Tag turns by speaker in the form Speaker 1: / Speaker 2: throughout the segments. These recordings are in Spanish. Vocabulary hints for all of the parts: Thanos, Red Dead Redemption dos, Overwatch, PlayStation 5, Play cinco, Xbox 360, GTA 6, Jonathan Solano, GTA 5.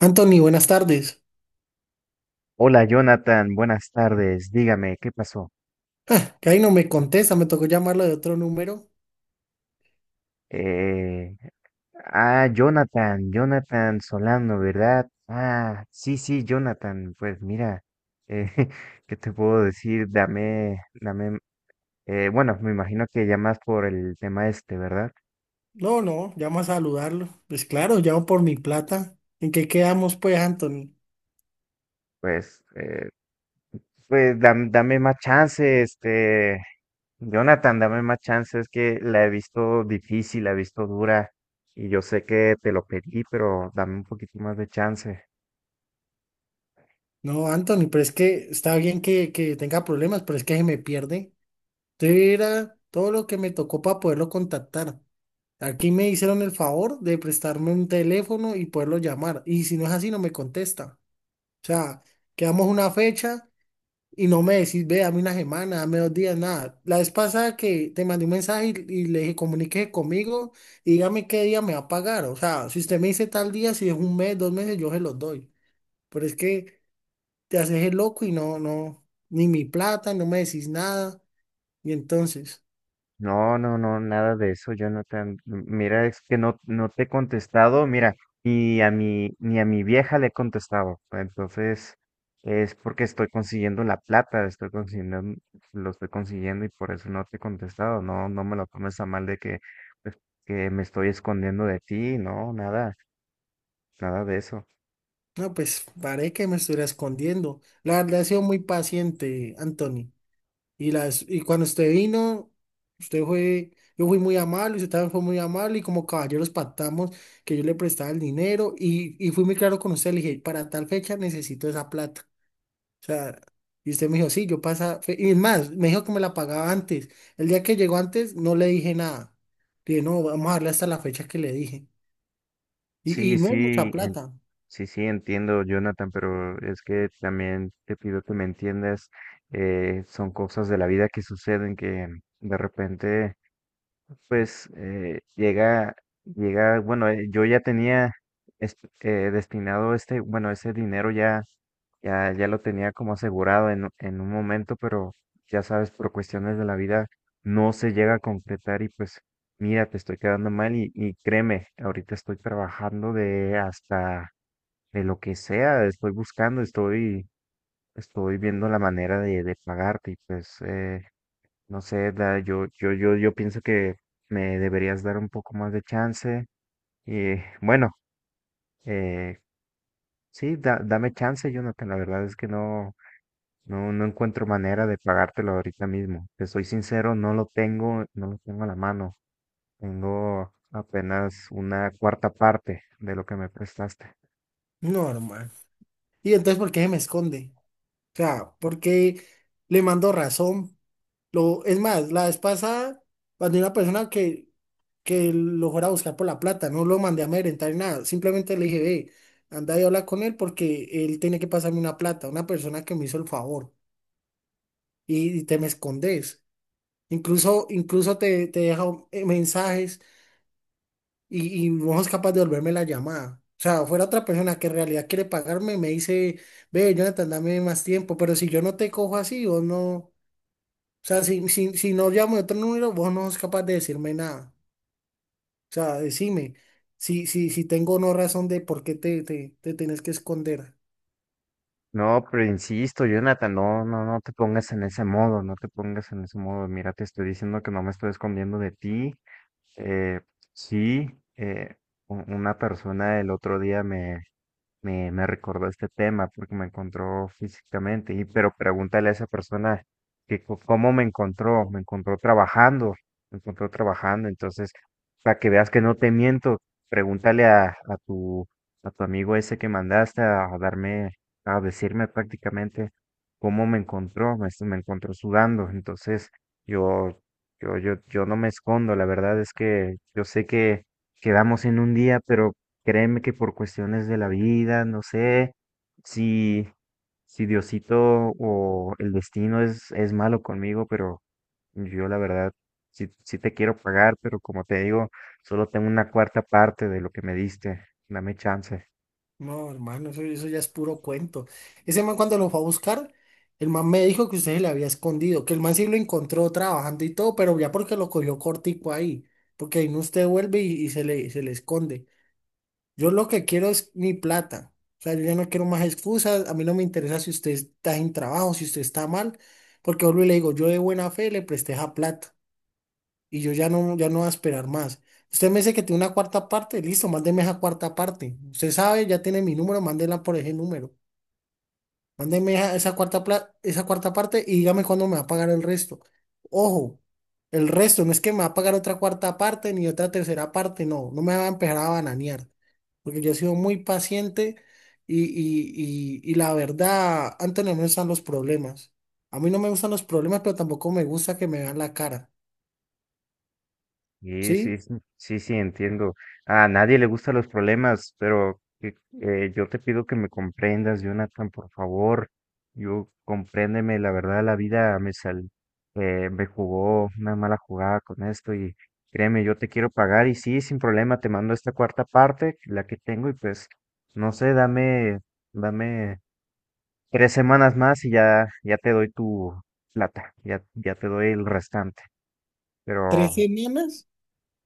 Speaker 1: Anthony, buenas tardes.
Speaker 2: Hola Jonathan, buenas tardes. Dígame, ¿qué pasó?
Speaker 1: Ah, que ahí no me contesta, me tocó llamarlo de otro número.
Speaker 2: Eh, Jonathan, Solano, ¿verdad? Ah, sí, sí, Jonathan. Pues mira, eh, ¿qué te puedo decir? Dame, bueno, me imagino que llamas por el tema este, ¿verdad?
Speaker 1: No, no, llamo a saludarlo. Pues claro, llamo por mi plata. ¿En qué quedamos, pues, Anthony?
Speaker 2: Pues, pues dame más chance, este, Jonathan, dame más chance. Es que la he visto difícil, la he visto dura y yo sé que te lo pedí, pero dame un poquito más de chance.
Speaker 1: No, Anthony, pero es que está bien que tenga problemas, pero es que se me pierde. Entonces era todo lo que me tocó para poderlo contactar. Aquí me hicieron el favor de prestarme un teléfono y poderlo llamar. Y si no es así, no me contesta. O sea, quedamos una fecha y no me decís, ve, dame una semana, dame dos días, nada. La vez pasada que te mandé un mensaje y le dije, comuníquese conmigo y dígame qué día me va a pagar. O sea, si usted me dice tal día, si es un mes, dos meses, yo se los doy. Pero es que te haces el loco y no, no, ni mi plata, no me decís nada. Y entonces,
Speaker 2: No, no, no, nada de eso, Jonathan. Mira, es que no te he contestado, mira, y a mi, ni a mi vieja le he contestado. Entonces, es porque estoy consiguiendo la plata, estoy consiguiendo, lo estoy consiguiendo y por eso no te he contestado. No, no me lo tomes a mal de que, pues, que me estoy escondiendo de ti, no, nada, nada de eso.
Speaker 1: no, pues parece que me estuviera escondiendo. La verdad, he sido muy paciente, Anthony. Y, las, y cuando usted vino, usted fue, yo fui muy amable, usted también fue muy amable y como caballeros pactamos que yo le prestaba el dinero y fui muy claro con usted, le dije, para tal fecha necesito esa plata. O sea, y usted me dijo, sí, yo pasa, fe-". Y es más, me dijo que me la pagaba antes. El día que llegó antes no le dije nada. Le dije, no, vamos a darle hasta la fecha que le dije. Y
Speaker 2: Sí,
Speaker 1: no es mucha
Speaker 2: sí,
Speaker 1: plata.
Speaker 2: sí, sí, entiendo, Jonathan, pero es que también te pido que me entiendas. Son cosas de la vida que suceden que de repente, pues, llega, bueno, yo ya tenía destinado este, bueno, ese dinero ya, ya lo tenía como asegurado en un momento, pero ya sabes, por cuestiones de la vida no se llega a concretar y pues, mira, te estoy quedando mal y créeme, ahorita estoy trabajando de hasta de lo que sea, estoy buscando, estoy, estoy viendo la manera de pagarte y pues, no sé, yo, yo pienso que me deberías dar un poco más de chance y bueno, eh, sí, dame chance, Jonathan, la verdad es que no, no, no encuentro manera de pagártelo ahorita mismo, te soy sincero, no lo tengo, no lo tengo a la mano, tengo apenas una cuarta parte de lo que me prestaste.
Speaker 1: No, hermano. Y entonces, ¿por qué se me esconde? O sea, ¿por qué le mando razón? Lo, es más, la vez pasada mandé una persona que lo fuera a buscar por la plata, no lo mandé a amedrentar ni nada, simplemente le dije, ve, anda y habla con él porque él tiene que pasarme una plata, una persona que me hizo el favor y te me escondes. Incluso, incluso te, te deja mensajes y no es capaz de devolverme la llamada. O sea, fuera otra persona que en realidad quiere pagarme, me dice, ve, Jonathan, dame más tiempo, pero si yo no te cojo así, vos no, o sea, si no llamo de otro número, vos no sos capaz de decirme nada. O sea, decime, si tengo o no razón de por qué te, te, te tenés que esconder.
Speaker 2: No, pero insisto, Jonathan, no, no, no te pongas en ese modo, no te pongas en ese modo. Mira, te estoy diciendo que no me estoy escondiendo de ti. Eh, sí, eh, una persona el otro día me recordó este tema porque me encontró físicamente. Y pero pregúntale a esa persona que cómo me encontró trabajando, me encontró trabajando. Entonces, para que veas que no te miento, pregúntale a tu amigo ese que mandaste a darme, a decirme prácticamente cómo me encontró, me encontró sudando. Entonces, yo, yo no me escondo, la verdad es que yo sé que quedamos en un día, pero créeme que por cuestiones de la vida, no sé si, si Diosito o el destino es malo conmigo, pero yo la verdad sí, sí te quiero pagar, pero como te digo, solo tengo una cuarta parte de lo que me diste. Dame chance.
Speaker 1: No, hermano, eso ya es puro cuento. Ese man cuando lo fue a buscar, el man me dijo que usted se le había escondido, que el man sí lo encontró trabajando y todo, pero ya porque lo cogió cortico ahí, porque ahí no usted vuelve y se le esconde. Yo lo que quiero es mi plata. O sea, yo ya no quiero más excusas, a mí no me interesa si usted está en trabajo, si usted está mal, porque vuelvo y le digo, yo de buena fe le presté esa plata. Y yo ya no, ya no voy a esperar más. Usted me dice que tiene una cuarta parte, listo, mándeme esa cuarta parte. Usted sabe, ya tiene mi número, mándela por ese número. Mándeme esa, esa cuarta pla- esa cuarta parte y dígame cuándo me va a pagar el resto. Ojo, el resto no es que me va a pagar otra cuarta parte ni otra tercera parte, no, no me va a empezar a bananear, porque yo he sido muy paciente y la verdad, antes no me gustan los problemas. A mí no me gustan los problemas, pero tampoco me gusta que me vean la cara.
Speaker 2: Sí,
Speaker 1: ¿Sí?
Speaker 2: sí, sí, sí, sí, entiendo. A nadie le gustan los problemas, pero yo te pido que me comprendas, Jonathan, por favor. Yo compréndeme, la verdad, la vida me sal, me jugó una mala jugada con esto y créeme, yo te quiero pagar y sí, sin problema, te mando esta cuarta parte, la que tengo y pues, no sé, dame 3 semanas más y ya, ya te doy tu plata, ya, ya te doy el restante,
Speaker 1: ¿Tres
Speaker 2: pero
Speaker 1: semanas?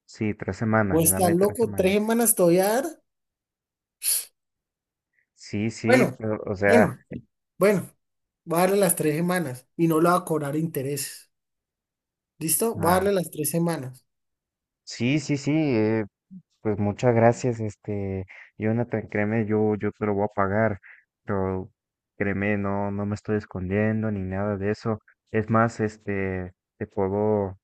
Speaker 2: sí, 3 semanas,
Speaker 1: Vos estás
Speaker 2: dame tres
Speaker 1: loco, tres
Speaker 2: semanas.
Speaker 1: semanas te voy a dar.
Speaker 2: Sí, sí,
Speaker 1: Bueno,
Speaker 2: pero, o sea,
Speaker 1: bueno, bueno, voy a darle las tres semanas y no le voy a cobrar intereses. ¿Listo? Voy a
Speaker 2: ah,
Speaker 1: darle las tres semanas.
Speaker 2: sí, sí, sí, pues muchas gracias, este, Jonathan, créeme, yo te lo voy a pagar, pero créeme, no, no me estoy escondiendo ni nada de eso. Es más, este, te puedo,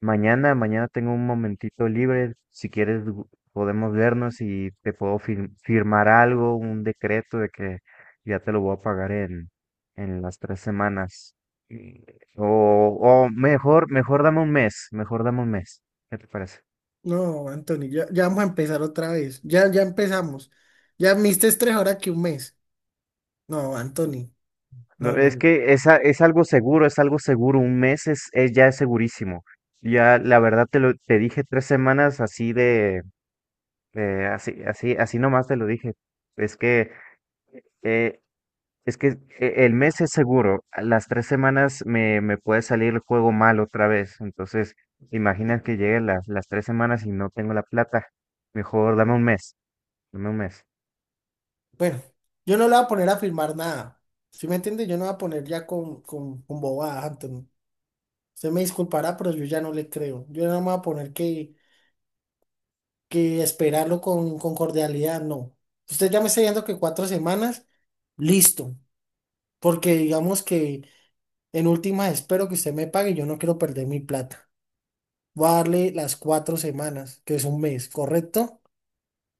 Speaker 2: Mañana tengo un momentito libre. Si quieres, podemos vernos y te puedo firmar algo, un decreto de que ya te lo voy a pagar en las 3 semanas. Y- O, o mejor, mejor dame un mes, mejor dame un mes. ¿Qué te parece?
Speaker 1: No, Anthony, ya, ya vamos a empezar otra vez. Ya, ya empezamos. Ya me diste tres ahora que un mes. No, Anthony,
Speaker 2: No,
Speaker 1: no, no,
Speaker 2: es
Speaker 1: no.
Speaker 2: que es, es algo seguro, es algo seguro. Un mes es ya es segurísimo. Ya, la verdad te lo, te dije 3 semanas así de así, así, así nomás te lo dije. Es que eh, es que el mes es seguro, a las 3 semanas me puede salir el juego mal otra vez. Entonces, imagina que lleguen las 3 semanas y no tengo la plata. Mejor dame un mes, dame un mes.
Speaker 1: Bueno, yo no le voy a poner a firmar nada. ¿Sí me entiende? Yo no voy a poner ya con bobadas, Anthony. Usted me disculpará, pero yo ya no le creo. Yo no me voy a poner que esperarlo con cordialidad, no. Usted ya me está diciendo que cuatro semanas, listo. Porque digamos que en últimas espero que usted me pague, yo no quiero perder mi plata. Voy a darle las cuatro semanas, que es un mes, ¿correcto?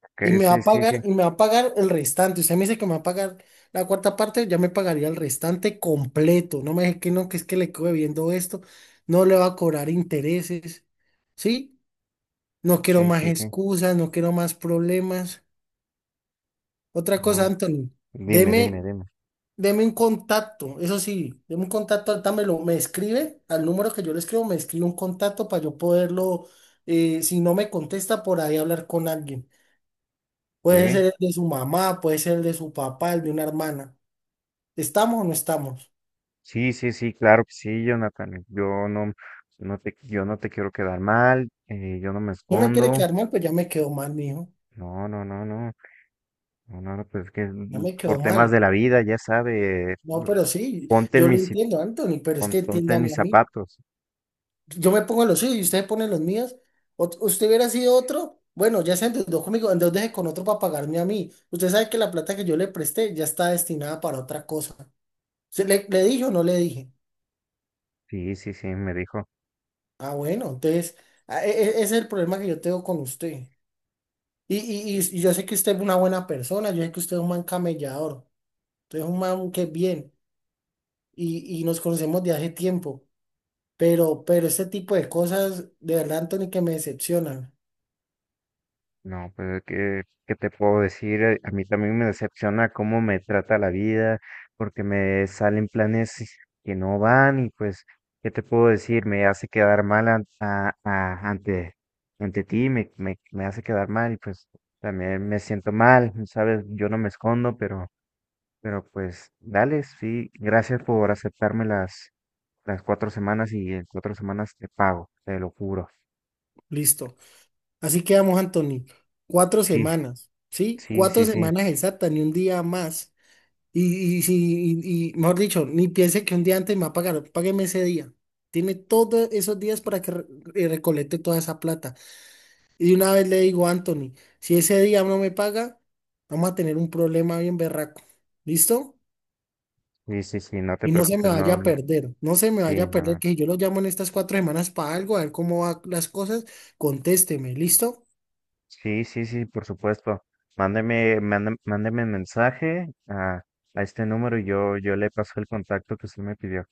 Speaker 2: Ok,
Speaker 1: Y me va
Speaker 2: sí,
Speaker 1: a
Speaker 2: sí, sí,
Speaker 1: pagar, y me va a pagar el restante. Usted me dice que me va a pagar la cuarta parte, ya me pagaría el restante completo. No me deje que no, que es que le quedo viendo esto, no le va a cobrar intereses, ¿sí? No quiero
Speaker 2: sí,
Speaker 1: más
Speaker 2: sí, sí.
Speaker 1: excusas, no quiero más problemas. Otra cosa,
Speaker 2: No,
Speaker 1: Anthony,
Speaker 2: dime, dime,
Speaker 1: deme,
Speaker 2: dime.
Speaker 1: deme un contacto, eso sí, deme un contacto, dámelo, me escribe al número que yo le escribo, me escribe un contacto para yo poderlo, si no me contesta, por ahí hablar con alguien. Puede
Speaker 2: Ok,
Speaker 1: ser el de su mamá, puede ser el de su papá, el de una hermana. ¿Estamos o no estamos?
Speaker 2: sí, sí, sí, claro que sí, Jonathan. Yo no, no te, yo no te quiero quedar mal, yo no me
Speaker 1: No me quiere
Speaker 2: escondo.
Speaker 1: quedar mal, pues ya me quedó mal, mijo,
Speaker 2: No, no, no, no. No, no, no, pues es que
Speaker 1: ya
Speaker 2: mm,
Speaker 1: me quedó
Speaker 2: por temas
Speaker 1: mal.
Speaker 2: de la vida, ya sabe,
Speaker 1: No, pero sí,
Speaker 2: ponte
Speaker 1: yo
Speaker 2: en
Speaker 1: lo
Speaker 2: mis
Speaker 1: entiendo, Anthony, pero es que
Speaker 2: ponte en
Speaker 1: entiéndame
Speaker 2: mis
Speaker 1: a mí.
Speaker 2: zapatos.
Speaker 1: Yo me pongo los suyos y ustedes ponen los míos. Ot- usted hubiera sido otro. Bueno, ya se endeudó conmigo, endeudese con otro para pagarme a mí. Usted sabe que la plata que yo le presté ya está destinada para otra cosa. ¿Se le, le dije o no le dije?
Speaker 2: Sí, sí, sí, me dijo.
Speaker 1: Ah, bueno, entonces a- e- e- ese es el problema que yo tengo con usted. Y yo sé que usted es una buena persona, yo sé que usted es un man camellador, usted es un man que es bien y nos conocemos de hace tiempo, pero este tipo de cosas, de verdad, Anthony, que me decepcionan.
Speaker 2: No, pues ¿qué, qué te puedo decir? A mí también me decepciona cómo me trata la vida, porque me salen planes y- que no van y pues, ¿qué te puedo decir? Me hace quedar mal ante, ante ti, me hace quedar mal y pues también me siento mal, ¿sabes? Yo no me escondo, pero pues, dale, sí, gracias por aceptarme las 4 semanas y en 4 semanas te pago, te lo juro.
Speaker 1: Listo. Así quedamos, Anthony. Cuatro
Speaker 2: Sí,
Speaker 1: semanas, ¿sí?
Speaker 2: sí,
Speaker 1: Cuatro
Speaker 2: sí, sí,
Speaker 1: semanas exactas, ni un día más. Y, si- y, mejor dicho, ni piense que un día antes me va a pagar, págueme ese día. Tiene todos esos días para que re- recolecte toda esa plata. Y de una vez le digo a Anthony, si ese día no me paga, vamos a tener un problema bien berraco. ¿Listo?
Speaker 2: sí, sí, sí, no te
Speaker 1: Y no se me
Speaker 2: preocupes,
Speaker 1: vaya
Speaker 2: no,
Speaker 1: a
Speaker 2: no,
Speaker 1: perder, no se me vaya
Speaker 2: sí,
Speaker 1: a perder
Speaker 2: no,
Speaker 1: que si yo lo llamo en estas cuatro semanas para algo, a ver cómo van las cosas, contésteme, ¿listo?
Speaker 2: sí, sí, sí, por supuesto. Mándeme, mándeme mensaje a este número y yo le paso el contacto que usted me pidió.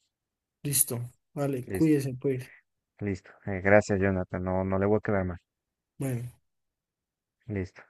Speaker 1: Listo. Vale,
Speaker 2: Listo,
Speaker 1: cuídese, pues.
Speaker 2: listo. Gracias, Jonathan, no, no le voy a quedar mal.
Speaker 1: Bueno.
Speaker 2: Listo.